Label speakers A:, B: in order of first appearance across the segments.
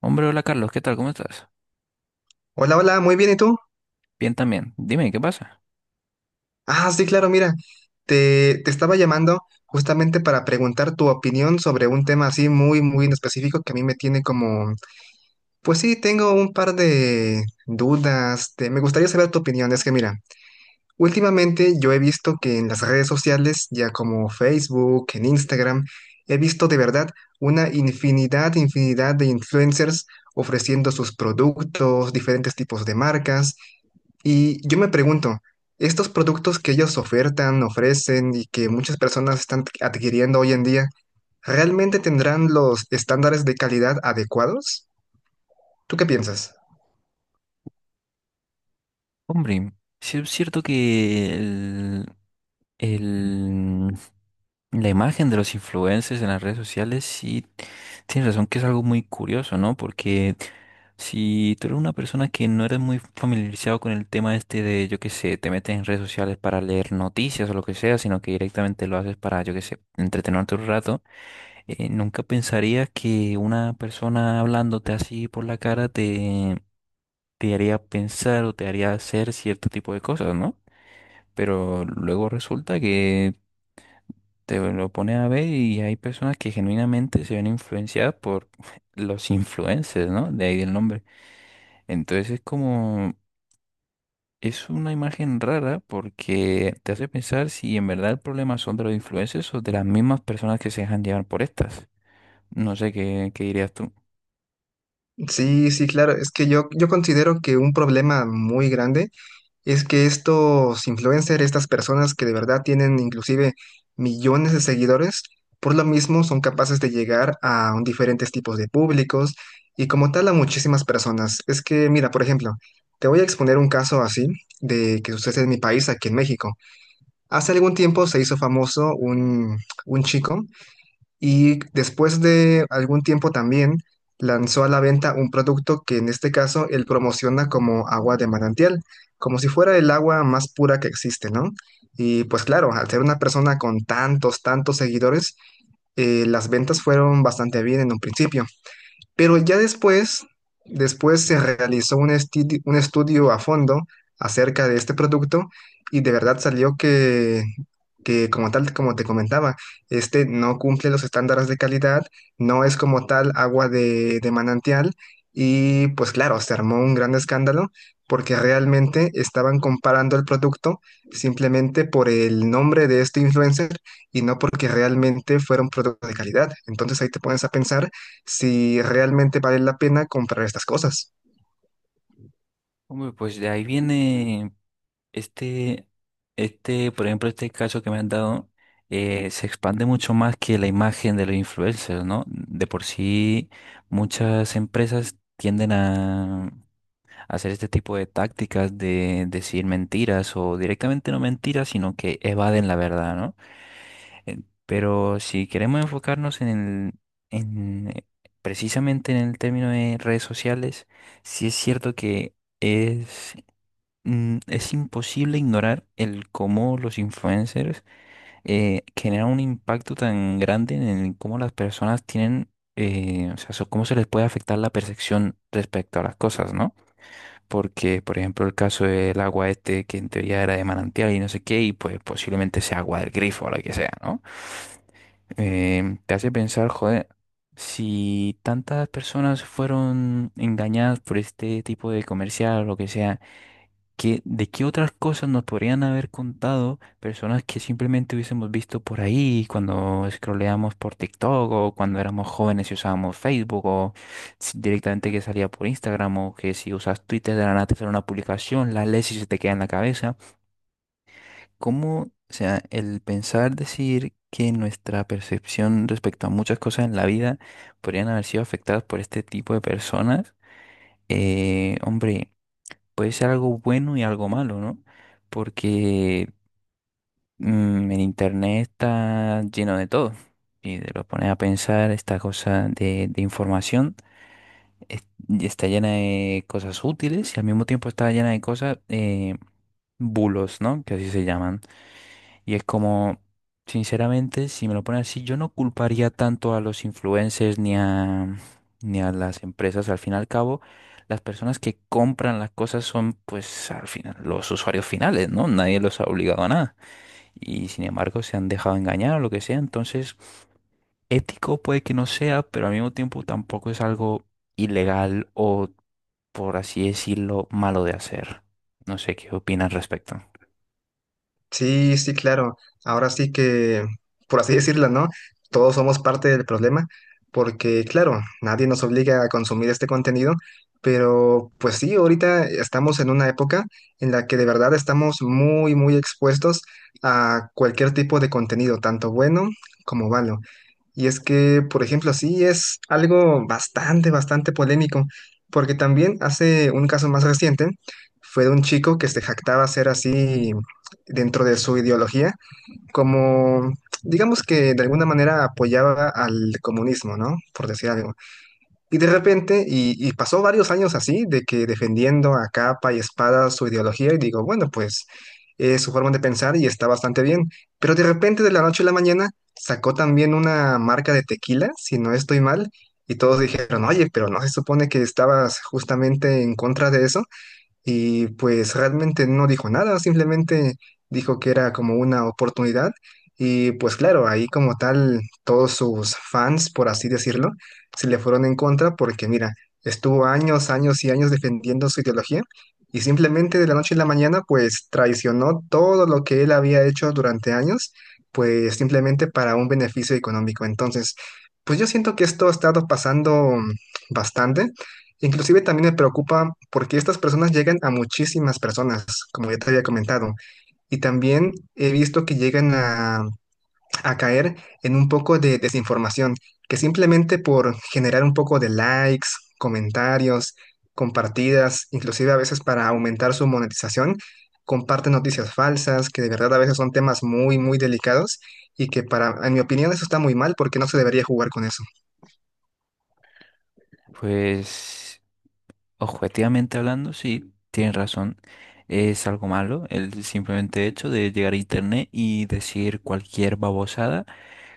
A: Hombre, hola Carlos, ¿qué tal? ¿Cómo estás?
B: Hola, hola, muy bien, ¿y tú?
A: Bien también. Dime, ¿qué pasa?
B: Ah, sí, claro, mira, te estaba llamando justamente para preguntar tu opinión sobre un tema así muy, muy en específico que a mí me tiene como, pues sí, tengo un par de dudas, me gustaría saber tu opinión, es que mira. Últimamente yo he visto que en las redes sociales, ya como Facebook, en Instagram, he visto de verdad una infinidad, infinidad de influencers ofreciendo sus productos, diferentes tipos de marcas. Y yo me pregunto, estos productos que ellos ofertan, ofrecen y que muchas personas están adquiriendo hoy en día, ¿realmente tendrán los estándares de calidad adecuados? ¿Tú qué piensas?
A: Hombre, sí es cierto que el- la imagen de los influencers en las redes sociales, sí, tienes razón que es algo muy curioso, ¿no? Porque si tú eres una persona que no eres muy familiarizado con el tema este de, yo qué sé, te metes en redes sociales para leer noticias o lo que sea, sino que directamente lo haces para, yo qué sé, entretenerte un rato, nunca pensarías que una persona hablándote así por la cara te haría pensar o te haría hacer cierto tipo de cosas, ¿no? Pero luego resulta que te lo pones a ver y hay personas que genuinamente se ven influenciadas por los influencers, ¿no? De ahí el nombre. Entonces es como, es una imagen rara porque te hace pensar si en verdad el problema son de los influencers o de las mismas personas que se dejan llevar por estas. No sé qué, qué dirías tú.
B: Sí, sí, claro, es que yo considero que un problema muy grande. Es que estos influencers, estas personas que de verdad tienen inclusive millones de seguidores, por lo mismo son capaces de llegar a un diferentes tipos de públicos y como tal a muchísimas personas. Es que, mira, por ejemplo, te voy a exponer un caso así de que sucede en mi país, aquí en México. Hace algún tiempo se hizo famoso un chico y después de algún tiempo también lanzó a la venta un producto que en este caso él promociona como agua de manantial, como si fuera el agua más pura que existe, ¿no? Y pues claro, al ser una persona con tantos, tantos seguidores, las ventas fueron bastante bien en un principio. Pero ya después, después se realizó un estudio a fondo acerca de este producto y de verdad salió que como tal, como te comentaba, este no cumple los estándares de calidad, no es como tal agua de manantial y pues claro, se armó un gran escándalo porque realmente estaban comparando el producto simplemente por el nombre de este influencer y no porque realmente fuera un producto de calidad. Entonces ahí te pones a pensar si realmente vale la pena comprar estas cosas.
A: Hombre, pues de ahí viene. Este, este, por ejemplo, este caso que me han dado, se expande mucho más que la imagen de los influencers, ¿no? De por sí, muchas empresas tienden a hacer este tipo de tácticas de decir mentiras o directamente no mentiras, sino que evaden la verdad, ¿no? Eh, Pero si queremos enfocarnos en en, eh, precisamente en el término de redes sociales, sí es cierto que es es imposible ignorar el cómo los influencers, generan un impacto tan grande en el cómo las personas tienen, o sea, cómo se les puede afectar la percepción respecto a las cosas, ¿no? Porque, por ejemplo, el caso del agua este, que en teoría era de manantial y no sé qué, y pues posiblemente sea agua del grifo o lo que sea, ¿no? Te hace pensar, joder, si tantas personas fueron engañadas por este tipo de comercial o lo que sea, que de qué otras cosas nos podrían haber contado personas que simplemente hubiésemos visto por ahí cuando scrolleamos por TikTok o cuando éramos jóvenes y usábamos Facebook o directamente que salía por Instagram o que si usas Twitter de la nada te sale una publicación, la lees y se te queda en la cabeza. ¿Cómo, o sea, el pensar decir que nuestra percepción respecto a muchas cosas en la vida podrían haber sido afectadas por este tipo de personas? Hombre, puede ser algo bueno y algo malo, ¿no? Porque el internet está lleno de todo. Y te lo pones a pensar, esta cosa de información y está llena de cosas útiles y al mismo tiempo está llena de cosas, bulos, ¿no? Que así se llaman. Y es como, sinceramente, si me lo ponen así, yo no culparía tanto a los influencers ni a las empresas. Al fin y al cabo, las personas que compran las cosas son, pues, al final, los usuarios finales, ¿no? Nadie los ha obligado a nada. Y sin embargo, se han dejado engañar o lo que sea. Entonces, ético puede que no sea, pero al mismo tiempo tampoco es algo ilegal o, por así decirlo, malo de hacer. No sé qué opinas al respecto.
B: Sí, sí, claro. Ahora sí que, por así decirlo, ¿no? Todos somos parte del problema, porque claro, nadie nos obliga a consumir este contenido, pero pues sí, ahorita estamos en una época en la que de verdad estamos muy, muy expuestos a cualquier tipo de contenido, tanto bueno como malo. Y es que, por ejemplo, sí es algo bastante, bastante polémico, porque también hace un caso más reciente fue de un chico que se jactaba ser así dentro de su ideología, como digamos que de alguna manera apoyaba al comunismo, ¿no? Por decir algo. Y de repente, y pasó varios años así, de que defendiendo a capa y espada su ideología, y digo, bueno, pues es su forma de pensar y está bastante bien. Pero de repente, de la noche a la mañana, sacó también una marca de tequila, si no estoy mal, y todos dijeron, oye, pero no se supone que estabas justamente en contra de eso. Y pues realmente no dijo nada, simplemente dijo que era como una oportunidad. Y pues claro, ahí como tal, todos sus fans, por así decirlo, se le fueron en contra porque mira, estuvo años, años y años defendiendo su ideología y simplemente de la noche a la mañana pues traicionó todo lo que él había hecho durante años, pues simplemente para un beneficio económico. Entonces, pues yo siento que esto ha estado pasando bastante. Inclusive también me preocupa porque estas personas llegan a muchísimas personas, como ya te había comentado, y también he visto que llegan a caer en un poco de desinformación, que simplemente por generar un poco de likes, comentarios, compartidas, inclusive a veces para aumentar su monetización, comparten noticias falsas, que de verdad a veces son temas muy, muy delicados y que para, en mi opinión, eso está muy mal porque no se debería jugar con eso.
A: Pues, objetivamente hablando, sí, tienes razón. Es algo malo el simplemente hecho de llegar a internet y decir cualquier babosada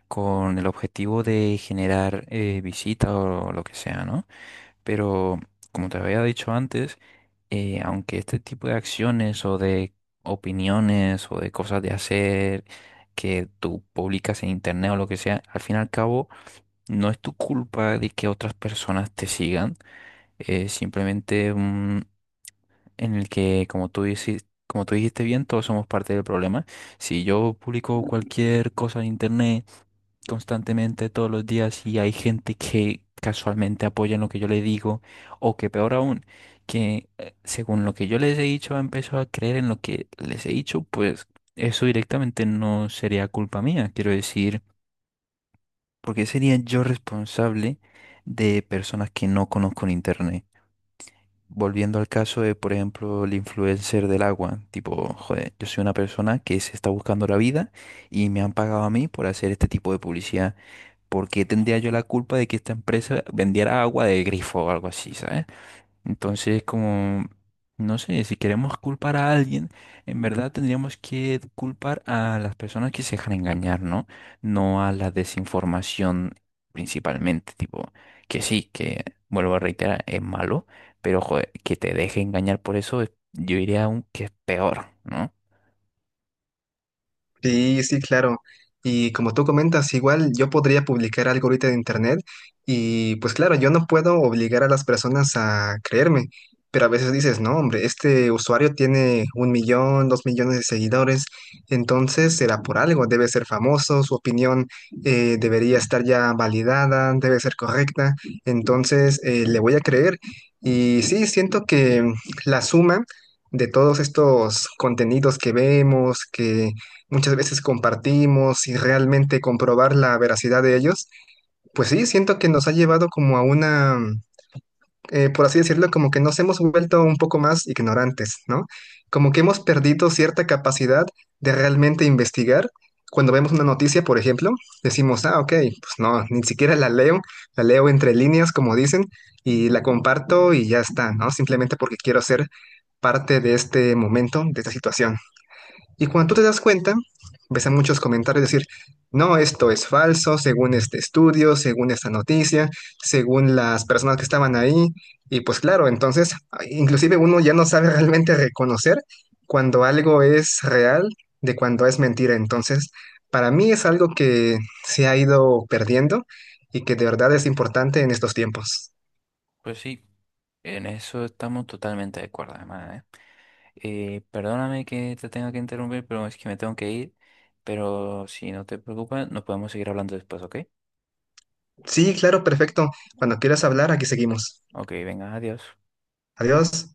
A: con el objetivo de generar visitas o lo que sea, ¿no? Pero como te había dicho antes, aunque este tipo de acciones o de opiniones o de cosas de hacer que tú publicas en internet o lo que sea, al fin y al cabo no es tu culpa de que otras personas te sigan. Es simplemente en el que, como tú dices, como tú dijiste bien, todos somos parte del problema. Si yo publico cualquier cosa en internet constantemente todos los días y hay gente que casualmente apoya en lo que yo le digo, o que peor aún, que según lo que yo les he dicho, empezó a creer en lo que les he dicho, pues eso directamente no sería culpa mía. Quiero decir, ¿por qué sería yo responsable de personas que no conozco en internet? Volviendo al caso de, por ejemplo, el influencer del agua, tipo, joder, yo soy una persona que se está buscando la vida y me han pagado a mí por hacer este tipo de publicidad. ¿Por qué tendría yo la culpa de que esta empresa vendiera agua de grifo o algo así, ¿sabes? Entonces, como, no sé, si queremos culpar a alguien, en verdad tendríamos que culpar a las personas que se dejan engañar, ¿no? No a la desinformación principalmente, tipo, que sí, que, vuelvo a reiterar, es malo, pero joder, que te deje engañar por eso, es- yo diría aún que es peor, ¿no?
B: Sí, sí, claro. Y como tú comentas, igual yo podría publicar algo ahorita de internet y pues claro, yo no puedo obligar a las personas a creerme, pero a veces dices, no, hombre, este usuario tiene 1 millón, 2 millones de seguidores, entonces será por algo, debe ser famoso, su opinión debería estar ya validada, debe ser correcta, entonces le voy a creer. Y sí, siento que la suma de todos estos contenidos que vemos, que muchas veces compartimos y realmente comprobar la veracidad de ellos, pues sí, siento que nos ha llevado como a una, por así decirlo, como que nos hemos vuelto un poco más ignorantes, ¿no? Como que hemos perdido cierta capacidad de realmente investigar. Cuando vemos una noticia, por ejemplo, decimos, ah, ok, pues no, ni siquiera la leo entre líneas, como dicen, y la comparto y ya está, ¿no? Simplemente porque quiero ser parte de este momento, de esta situación. Y cuando tú te das cuenta, ves a muchos comentarios decir, no, esto es falso, según este estudio, según esta noticia, según las personas que estaban ahí. Y pues claro, entonces, inclusive uno ya no sabe realmente reconocer cuando algo es real de cuando es mentira. Entonces, para mí es algo que se ha ido perdiendo y que de verdad es importante en estos tiempos.
A: Pues sí, en eso estamos totalmente de acuerdo, además, ¿eh? Perdóname que te tenga que interrumpir, pero es que me tengo que ir. Pero si no te preocupas, nos podemos seguir hablando después, ¿ok?
B: Sí, claro, perfecto. Cuando quieras hablar, aquí seguimos.
A: Ok, venga, adiós.
B: Adiós.